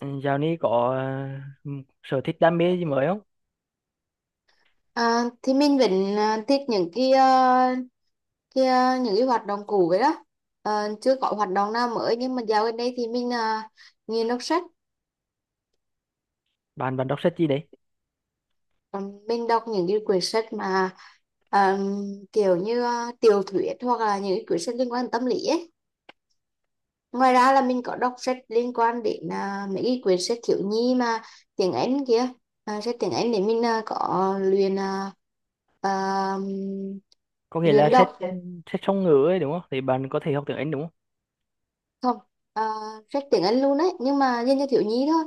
Ừ, dạo này có ờ, sở thích đam mê gì mới không? À, thì mình vẫn à, thích những cái à, những cái hoạt động cũ vậy đó. Ờ, chưa có hoạt động nào mới nhưng mà dạo gần đây thì mình à, đọc sách. Bạn bạn đọc sách gì đấy? Ờ, mình đọc những cái quyển sách mà à, kiểu như à, tiểu thuyết hoặc là những cái quyển sách liên quan đến tâm lý ấy. Ngoài ra là mình có đọc sách liên quan đến à, mấy cái quyển sách thiếu nhi mà tiếng Anh kia, à, sách tiếng Anh để mình à, có luyện à, à, Có nghĩa là luyện sách đọc. sách song ngữ ấy đúng không? Thì bạn có thể học tiếng Anh đúng không? Không, sách tiếng Anh luôn đấy nhưng mà dành cho thiếu nhi thôi.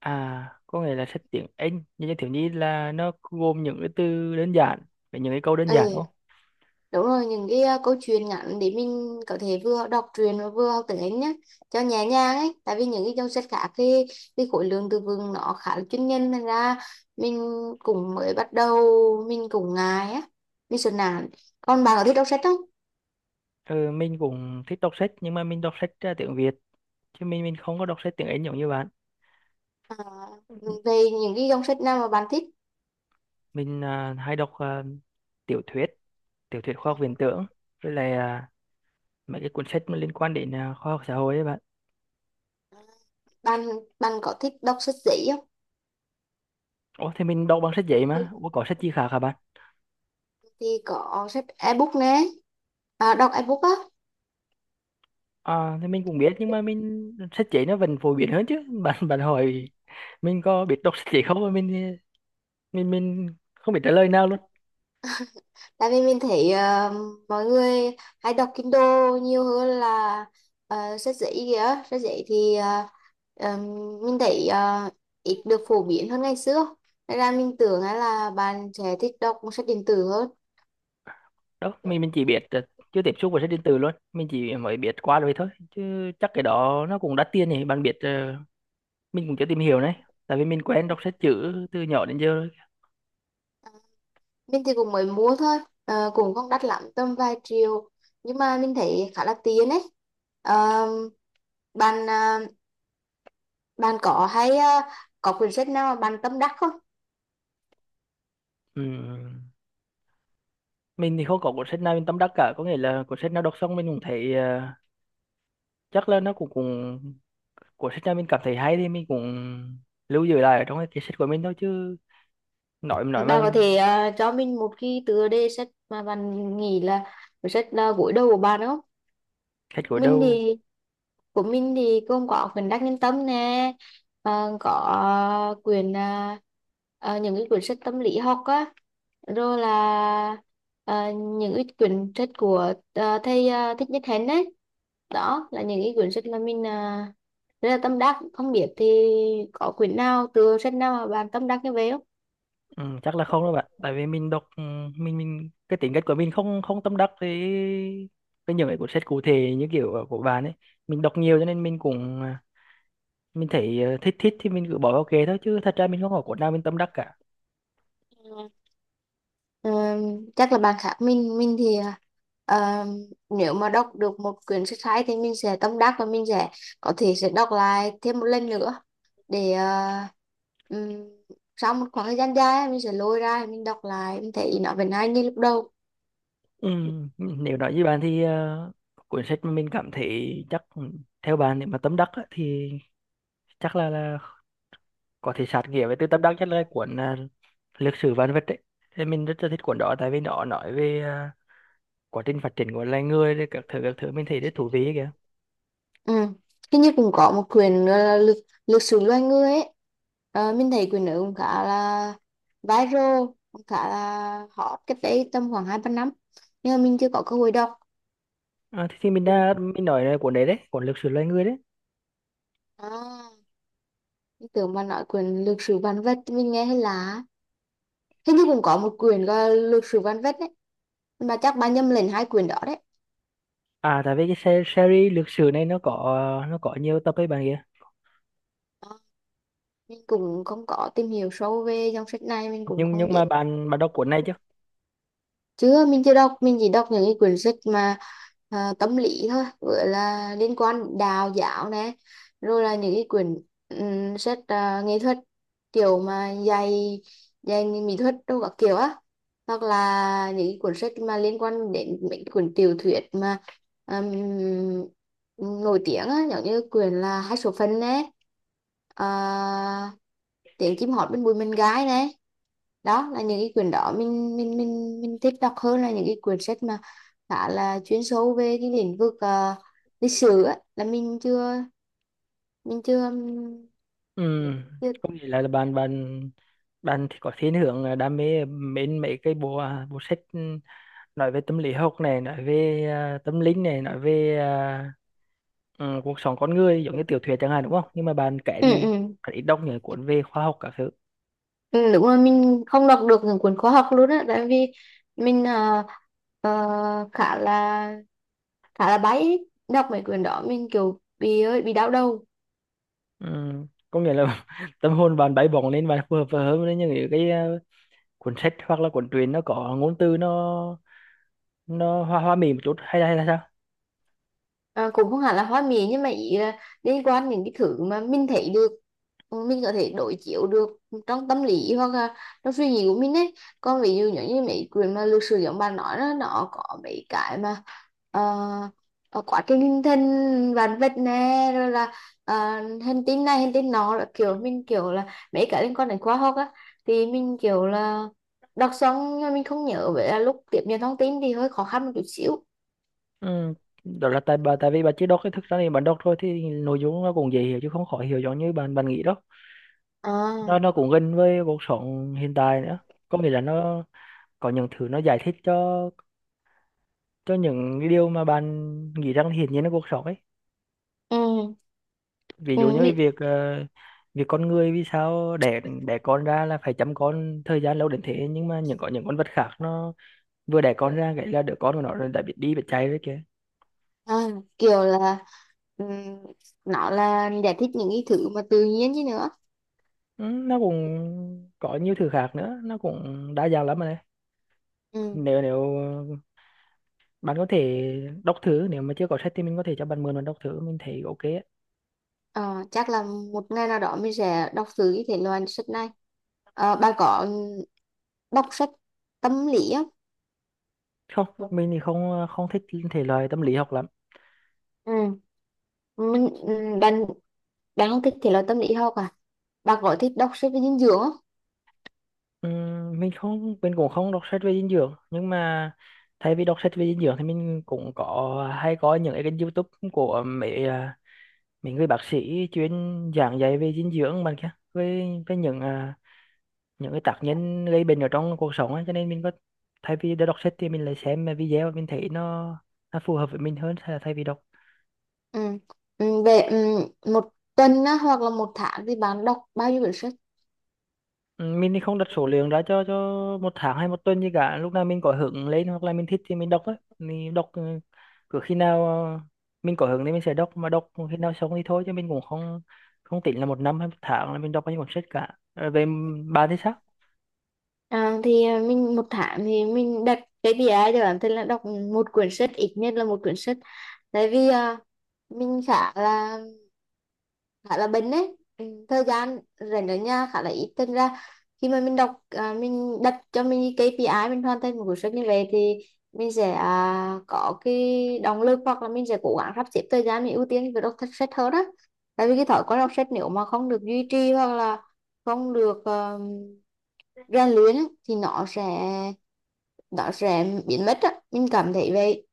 À, có nghĩa là sách tiếng Anh như như thiếu nhi là nó gồm những cái từ đơn giản với những cái câu đơn giản Ừ, đúng không? đúng rồi, những cái à, câu chuyện ngắn để mình có thể vừa đọc truyện và vừa học tiếng Anh nhé, cho nhẹ nhàng ấy, tại vì những cái dòng sách khác thì cái khối lượng từ vựng nó khá là chuyên nhân nên ra mình cũng mới bắt đầu, mình cũng ngại á, mình sợ nản. Còn bạn có thích đọc sách không? Ừ, mình cũng thích đọc sách nhưng mà mình đọc sách tiếng Việt chứ mình không có đọc sách tiếng Anh giống như bạn. À, về những cái dòng sách nào mà bạn thích? Mình hay đọc tiểu thuyết, tiểu thuyết khoa học viễn tưởng với lại mấy cái cuốn sách mà liên quan đến khoa học xã hội ấy bạn. Bạn bạn có thích đọc sách giấy không? Ủa thì mình đọc bằng sách giấy mà. Ủa, có sách chi khác hả bạn? Thì có sách ebook nè, à, đọc ebook á. À thì mình cũng biết nhưng mà mình sách giấy nó vẫn phổ biến hơn chứ. Bạn bạn hỏi mình có biết đọc sách giấy không mà mình không biết trả lời nào luôn. Tại vì mình thấy ờ, mọi người hay đọc Kindle nhiều hơn là ờ, sách giấy kìa. Sách giấy thì ờ, ờ, mình thấy ờ, ít được phổ biến hơn ngày xưa. Nên là mình tưởng á là bạn sẽ thích đọc sách điện tử hơn. Đó, mình chỉ biết là chưa tiếp xúc với sách điện tử luôn, mình chỉ mới biết qua rồi thôi. Chứ chắc cái đó nó cũng đắt tiền nhỉ, bạn biết mình cũng chưa tìm hiểu này. Tại vì mình quen đọc sách chữ từ nhỏ đến giờ rồi. Mình thì cũng mới mua thôi, ờ, cũng không đắt lắm, tầm vài triệu. Nhưng mà mình thấy khá là tiện ấy. Ờ, ờ, bạn có hay ờ, có quyển sách nào mà bạn tâm đắc không? Ừm, Mình thì không có cuốn sách nào mình tâm đắc cả, có nghĩa là cuốn sách nào đọc xong mình cũng thấy chắc là nó cũng cũng của sách nào mình cảm thấy hay thì mình cũng lưu giữ lại ở trong cái sách của mình thôi chứ nói Bà mà có thể ờ, cho mình một cái tựa đề sách mà bạn nghĩ là cuốn sách gối đầu của bạn không? sách của Mình đâu. thì của mình thì gồm có quyển Đắc Nhân Tâm nè, ờ, có ờ, quyển ờ, ờ, những cái quyển sách tâm lý học á, rồi là ờ, những cái quyển sách của ờ, thầy ờ, Thích Nhất Hạnh đấy. Đó là những cái quyển sách mà mình ờ, rất là tâm đắc. Không biết thì có quyển nào, tựa sách nào mà bạn tâm đắc như vậy Ừ, chắc là không đâu bạn tại vì mình đọc mình cái tính cách của mình không không tâm đắc với những cái cuốn sách cụ thể như kiểu của bạn ấy. Mình đọc nhiều cho nên mình cũng mình thấy thích thích thì mình cứ bỏ vào kệ thôi chứ thật ra mình không có cuốn nào mình tâm đắc cả. không? Ờ, chắc là bạn khác mình thì ờ, nếu mà đọc được một quyển sách hay thì mình sẽ tâm đắc và mình sẽ có thể sẽ đọc lại thêm một lần nữa, để ờ, ừm, sau một khoảng thời gian dài mình sẽ lôi ra mình đọc lại mình thấy nó vẫn hay như lúc đầu. Ừ, nếu nói với bạn thì cuốn sách mà mình cảm thấy chắc theo bạn nếu mà tâm đắc á, thì chắc là có thể sát nghĩa với tư tâm đắc nhất là cuốn lịch sử vạn vật ấy. Thì mình rất là thích cuốn đó tại vì nó nói về quá trình phát triển của loài người rồi các thứ mình thấy rất thú vị ấy kìa. Ừ. Hình như cũng có một quyển nữa là lực lực sử loài người ấy. Ờ, mình thấy quyển đó cũng khá là viral, cũng khá là hot cách đây tầm khoảng hai ba năm. Nhưng mà mình chưa có cơ hội đọc. Thì mình đã mình nói là cuốn đấy đấy cuốn lịch sử loài người đấy. À, mình tưởng mà nói quyển lược sử vạn vật thì mình nghe hay là hình như cũng có một quyển gọi là lược sử vạn vật đấy. Mà chắc bạn nhầm lẫn hai quyển đó đấy. Tại vì cái series lịch sử này nó có nhiều tập ấy bạn kia. Ờ, mình cũng không có tìm hiểu sâu về dòng sách này, mình cũng nhưng không nhưng biết. mà bạn bạn đọc cuốn này chứ? Chứ mình chưa đọc, mình chỉ đọc những cái quyển sách mà à, tâm lý thôi, gọi là liên quan đến đạo giáo nè, rồi là những cái quyển sách à, nghệ thuật, kiểu mà dạy dạy mỹ thuật đâu các kiểu á, hoặc là những cái cuốn sách mà liên quan đến mấy cái cuốn tiểu thuyết mà ừm, nổi tiếng á, giống như quyển là hai số phận nè, à, tiếng chim hót bên bụi mình gái nè. Đó là những cái quyển đó mình thích đọc hơn là những cái quyển sách mà khá là chuyên sâu về cái lĩnh vực ờ, lịch sử á, là mình chưa mình chưa ừm, Ừ. chưa. Có nghĩa là bạn bạn bạn thì có thiên hướng đam mê mến mấy cái bộ sách nói về tâm lý học này nói về tâm linh này nói về cuộc sống con người giống như tiểu thuyết chẳng hạn đúng không nhưng mà bạn kể Ừ, ừ. ít đọc những cuốn về khoa học các thứ. Ừ, đúng rồi, mình không đọc được những cuốn khoa học luôn á, tại vì mình ờ, ờ, khá là bay ấy. Đọc mấy quyển đó mình kiểu bị ơi bị đau đầu. Ừ. Có nghĩa là tâm hồn bạn bay bổng lên bạn phù hợp hơn với những cái cuốn sách hoặc là cuốn truyện nó có ngôn từ nó hoa hoa mỹ một chút hay là sao? À, cũng không hẳn là hoa mỹ nhưng mà ý là liên quan những cái thứ mà mình thấy được, ừ, mình có thể đối chiếu được trong tâm lý hoặc là trong suy nghĩ của mình ấy. Còn ví dụ giống như mấy quyển mà lược sử giống bạn nói đó nó có mấy cái mà quá trình hình thành vạn vật nè rồi là hành tinh này hành tinh nọ là kiểu mình kiểu là mấy cái liên quan đến khoa học á, thì mình kiểu là đọc xong nhưng mà mình không nhớ, vậy là lúc tiếp nhận thông tin thì hơi khó khăn một chút xíu. Ừ. Đó là tại vì bạn chỉ đọc cái thực ra thì bạn đọc thôi thì nội dung nó cũng dễ hiểu chứ không khó hiểu giống như bạn bạn nghĩ đâu. nó À, nó cũng gần với cuộc sống hiện tại nữa. Có nghĩa là nó có những thứ nó giải thích cho những cái điều mà bạn nghĩ rằng hiển nhiên là cuộc sống ấy. ừ, Ví ừ. dụ như cái việc con người vì sao đẻ đẻ con ra là phải chăm con thời gian lâu đến thế nhưng mà những có những con vật khác nó vừa đẻ con ra cái là đứa con của nó đã biết đi biết chạy rồi kìa. À, kiểu là ừm, nó là giải thích những cái thứ mà tự nhiên chứ nữa. Ừ, nó cũng có nhiều thứ khác nữa nó cũng đa dạng lắm mà đấy. Ừm. Nếu nếu bạn có thể đọc thử nếu mà chưa có sách thì mình có thể cho bạn mượn và đọc thử mình thấy ok ấy. Ờ, chắc là một ngày nào đó mình sẽ đọc thử cái thể loại sách này. Ờ, bà có đọc sách tâm lý không? Không, mình thì không không thích thể loại tâm lý học lắm. Ừ, mình ừ, bạn bạn không thích thể loại tâm lý học à? Bà có thích đọc sách về dinh dưỡng không? Mình cũng không đọc sách về dinh dưỡng nhưng mà thay vì đọc sách về dinh dưỡng thì mình cũng có hay coi những cái kênh YouTube của mấy người bác sĩ chuyên giảng dạy về dinh dưỡng bạn kia với những cái tác nhân gây bệnh ở trong cuộc sống ấy. Cho nên mình có thay vì để đọc sách thì mình lại xem video mình thấy nó phù hợp với mình hơn thay thay vì đọc. Ừ. Ừ, về ừ, một tuần á, hoặc là một tháng thì bạn đọc bao nhiêu quyển sách? Ừ, mình thì không đặt số lượng ra cho một tháng hay một tuần gì cả lúc nào mình có hứng lên hoặc là mình thích thì mình đọc á mình đọc cứ khi nào mình có hứng thì mình sẽ đọc mà đọc khi nào xong thì thôi chứ mình cũng không không tính là một năm hay một tháng là mình đọc bao nhiêu cuốn sách cả. Bạn thì sao? À, thì à, mình một tháng thì mình đặt cái KPI cho bản thân là đọc một quyển sách, ít nhất là một quyển sách, tại vì à, mình khá là bận đấy. Ừ, thời gian rảnh ở nhà khá là ít, thành ra khi mà mình đọc à, mình đặt cho mình cái KPI mình hoàn thành một cuốn sách như vậy thì mình sẽ à, có cái động lực hoặc là mình sẽ cố gắng sắp xếp thời gian mình ưu tiên việc đọc sách sách hơn đó, tại vì cái thói quen đọc sách nếu mà không được duy trì hoặc là không được ờ, rèn luyện á, thì nó sẽ biến mất á, mình cảm thấy vậy.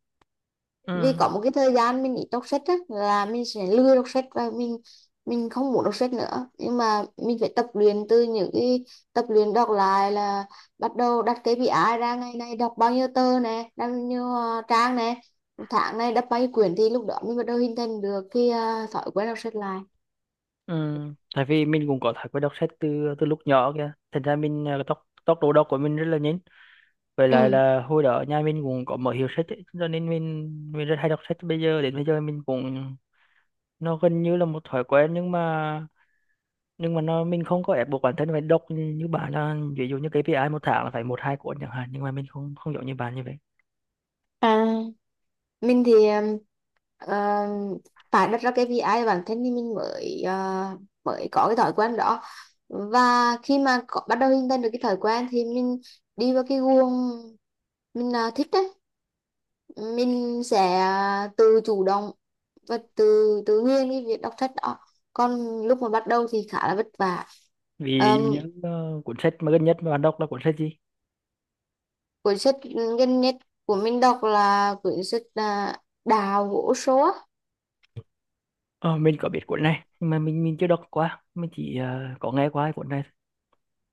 Vì Ừ, có một cái thời gian mình ít đọc sách á là mình sẽ lười đọc sách và mình không muốn đọc sách nữa, nhưng mà mình phải tập luyện từ những cái tập luyện đọc lại là bắt đầu đặt KPI ra, ngày nay đọc bao nhiêu tờ nè, bao nhiêu ờ, trang nè, tháng này đọc bao nhiêu quyển, thì lúc đó mình bắt đầu hình thành được cái ờ, thói quen đọc sách lại. ừ. Tại vì mình cũng có thói quen đọc sách từ từ lúc nhỏ kìa thành ra mình tốc tốc độ đọc của mình rất là nhanh. Với lại Ừ. là hồi đó nhà mình cũng có mở hiệu sách ấy, cho nên mình rất hay đọc sách bây giờ đến bây giờ mình cũng nó gần như là một thói quen nhưng mà nó mình không có ép buộc bản thân phải đọc như bạn là ví dụ như KPI một tháng là phải một hai cuốn chẳng hạn nhưng mà mình không không giống như bạn như vậy. À, mình thì um, phải đặt ra cái vi ai bản thân thì mình mới mới có cái thói quen đó, và khi mà có, bắt đầu hình thành được cái thói quen thì mình đi vào cái guồng, mình thích đấy, mình sẽ tự chủ động và tự tự nhiên cái việc đọc sách đó, còn lúc mà bắt đầu thì khá là vất vả. Ví dụ um, như cuốn sách mà gần nhất mà bạn đọc là cuốn sách gì? Cuốn sách gần nhất của mình đọc là cuốn sách à, Đào gỗ số. Ờ, mình có biết cuốn này nhưng mà mình chưa đọc qua mình chỉ có nghe qua cái cuốn này.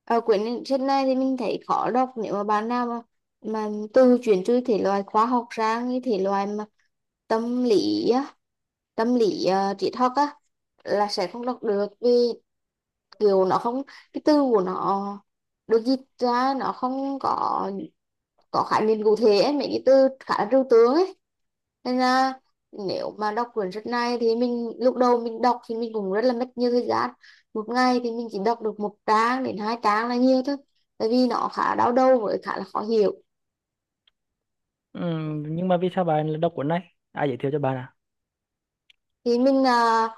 Ờ, quyển sách này thì mình thấy khó đọc, nếu mà bạn nào mà từ chuyển từ thể loại khoa học sang cái thể loại mà tâm lý á, tâm lý triết học á, là sẽ không đọc được, vì kiểu nó không, cái từ của nó được dịch ra nó không có có khái niệm cụ thể ấy, mấy cái từ khá là trừu tượng ấy, nên là nếu mà đọc quyển sách này thì mình lúc đầu mình đọc thì mình cũng rất là mất nhiều thời gian, một ngày thì mình chỉ đọc được một trang đến hai trang là nhiều thôi, tại vì nó khá đau đầu với khá là khó hiểu. Ừ, nhưng mà vì sao bạn lại đọc cuốn này? Ai giới thiệu cho bạn à? Thì mình à,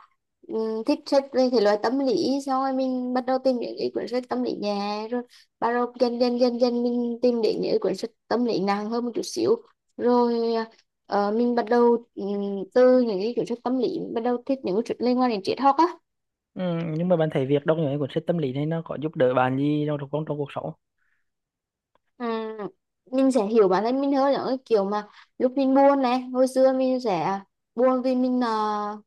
thích sách về thể loại tâm lý, xong rồi mình bắt đầu tìm những cái cuốn sách tâm lý nhẹ rồi bắt đầu dần dần dần dần mình tìm đến những cái cuốn sách tâm lý nặng hơn một chút xíu, rồi à, ờ, mình bắt đầu từ những cái cuốn sách tâm lý bắt đầu thích những cuốn sách liên quan đến triết học á. Ừ, nhưng mà bạn thấy việc đọc những cái cuốn sách tâm lý này nó có giúp đỡ bạn gì trong trong, trong cuộc sống? Ừ, mình sẽ hiểu bản thân mình hơn, những cái kiểu mà lúc mình buồn này, hồi xưa mình sẽ buồn vì mình ờ,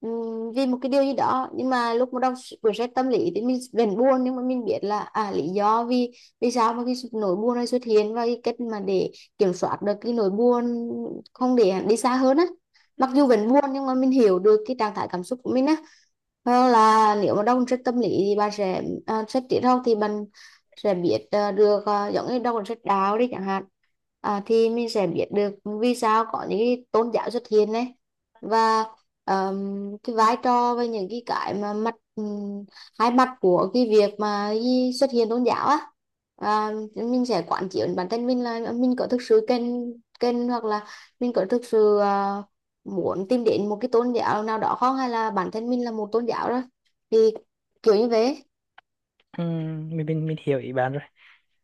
vì một cái điều gì đó, nhưng mà lúc mà đọc quyển sách tâm lý thì mình vẫn buồn nhưng mà mình biết là à, lý do vì vì sao mà cái nỗi buồn này xuất hiện và cái cách mà để kiểm soát được cái nỗi buồn, không để đi xa hơn á, mặc dù vẫn buồn nhưng mà mình hiểu được cái trạng thái cảm xúc của mình á. Hoặc là nếu mà đọc sách tâm lý thì bạn sẽ à, sách triết học thì bạn sẽ biết ờ, được ờ, giống như đọc sách đạo đi chẳng hạn, à, thì mình sẽ biết được vì sao có những cái tôn giáo xuất hiện đấy và ờm, cái vai trò với những cái mà mặt hai mặt của cái việc mà cái xuất hiện tôn giáo á, à, mình sẽ quán chiếu bản thân mình là mình có thực sự cần cần hoặc là mình có thực sự ờ, muốn tìm đến một cái tôn giáo nào đó không, hay là bản thân mình là một tôn giáo rồi, thì kiểu như thế. Ừ, mình hiểu ý bạn rồi.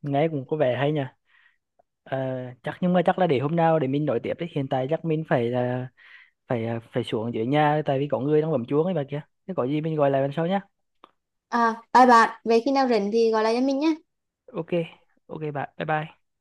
Nghe cũng có vẻ hay nhỉ. Ờ, Chắc nhưng mà chắc là để hôm nào để mình nói tiếp đấy hiện tại chắc mình phải là phải à, phải xuống dưới nhà tại vì có người đang bấm chuông ấy bà kia. Thế có gì mình gọi lại lần sau nhá. À, bye bạn, về khi nào rảnh thì gọi lại cho mình nhé. Ok, ok bạn, bye bye.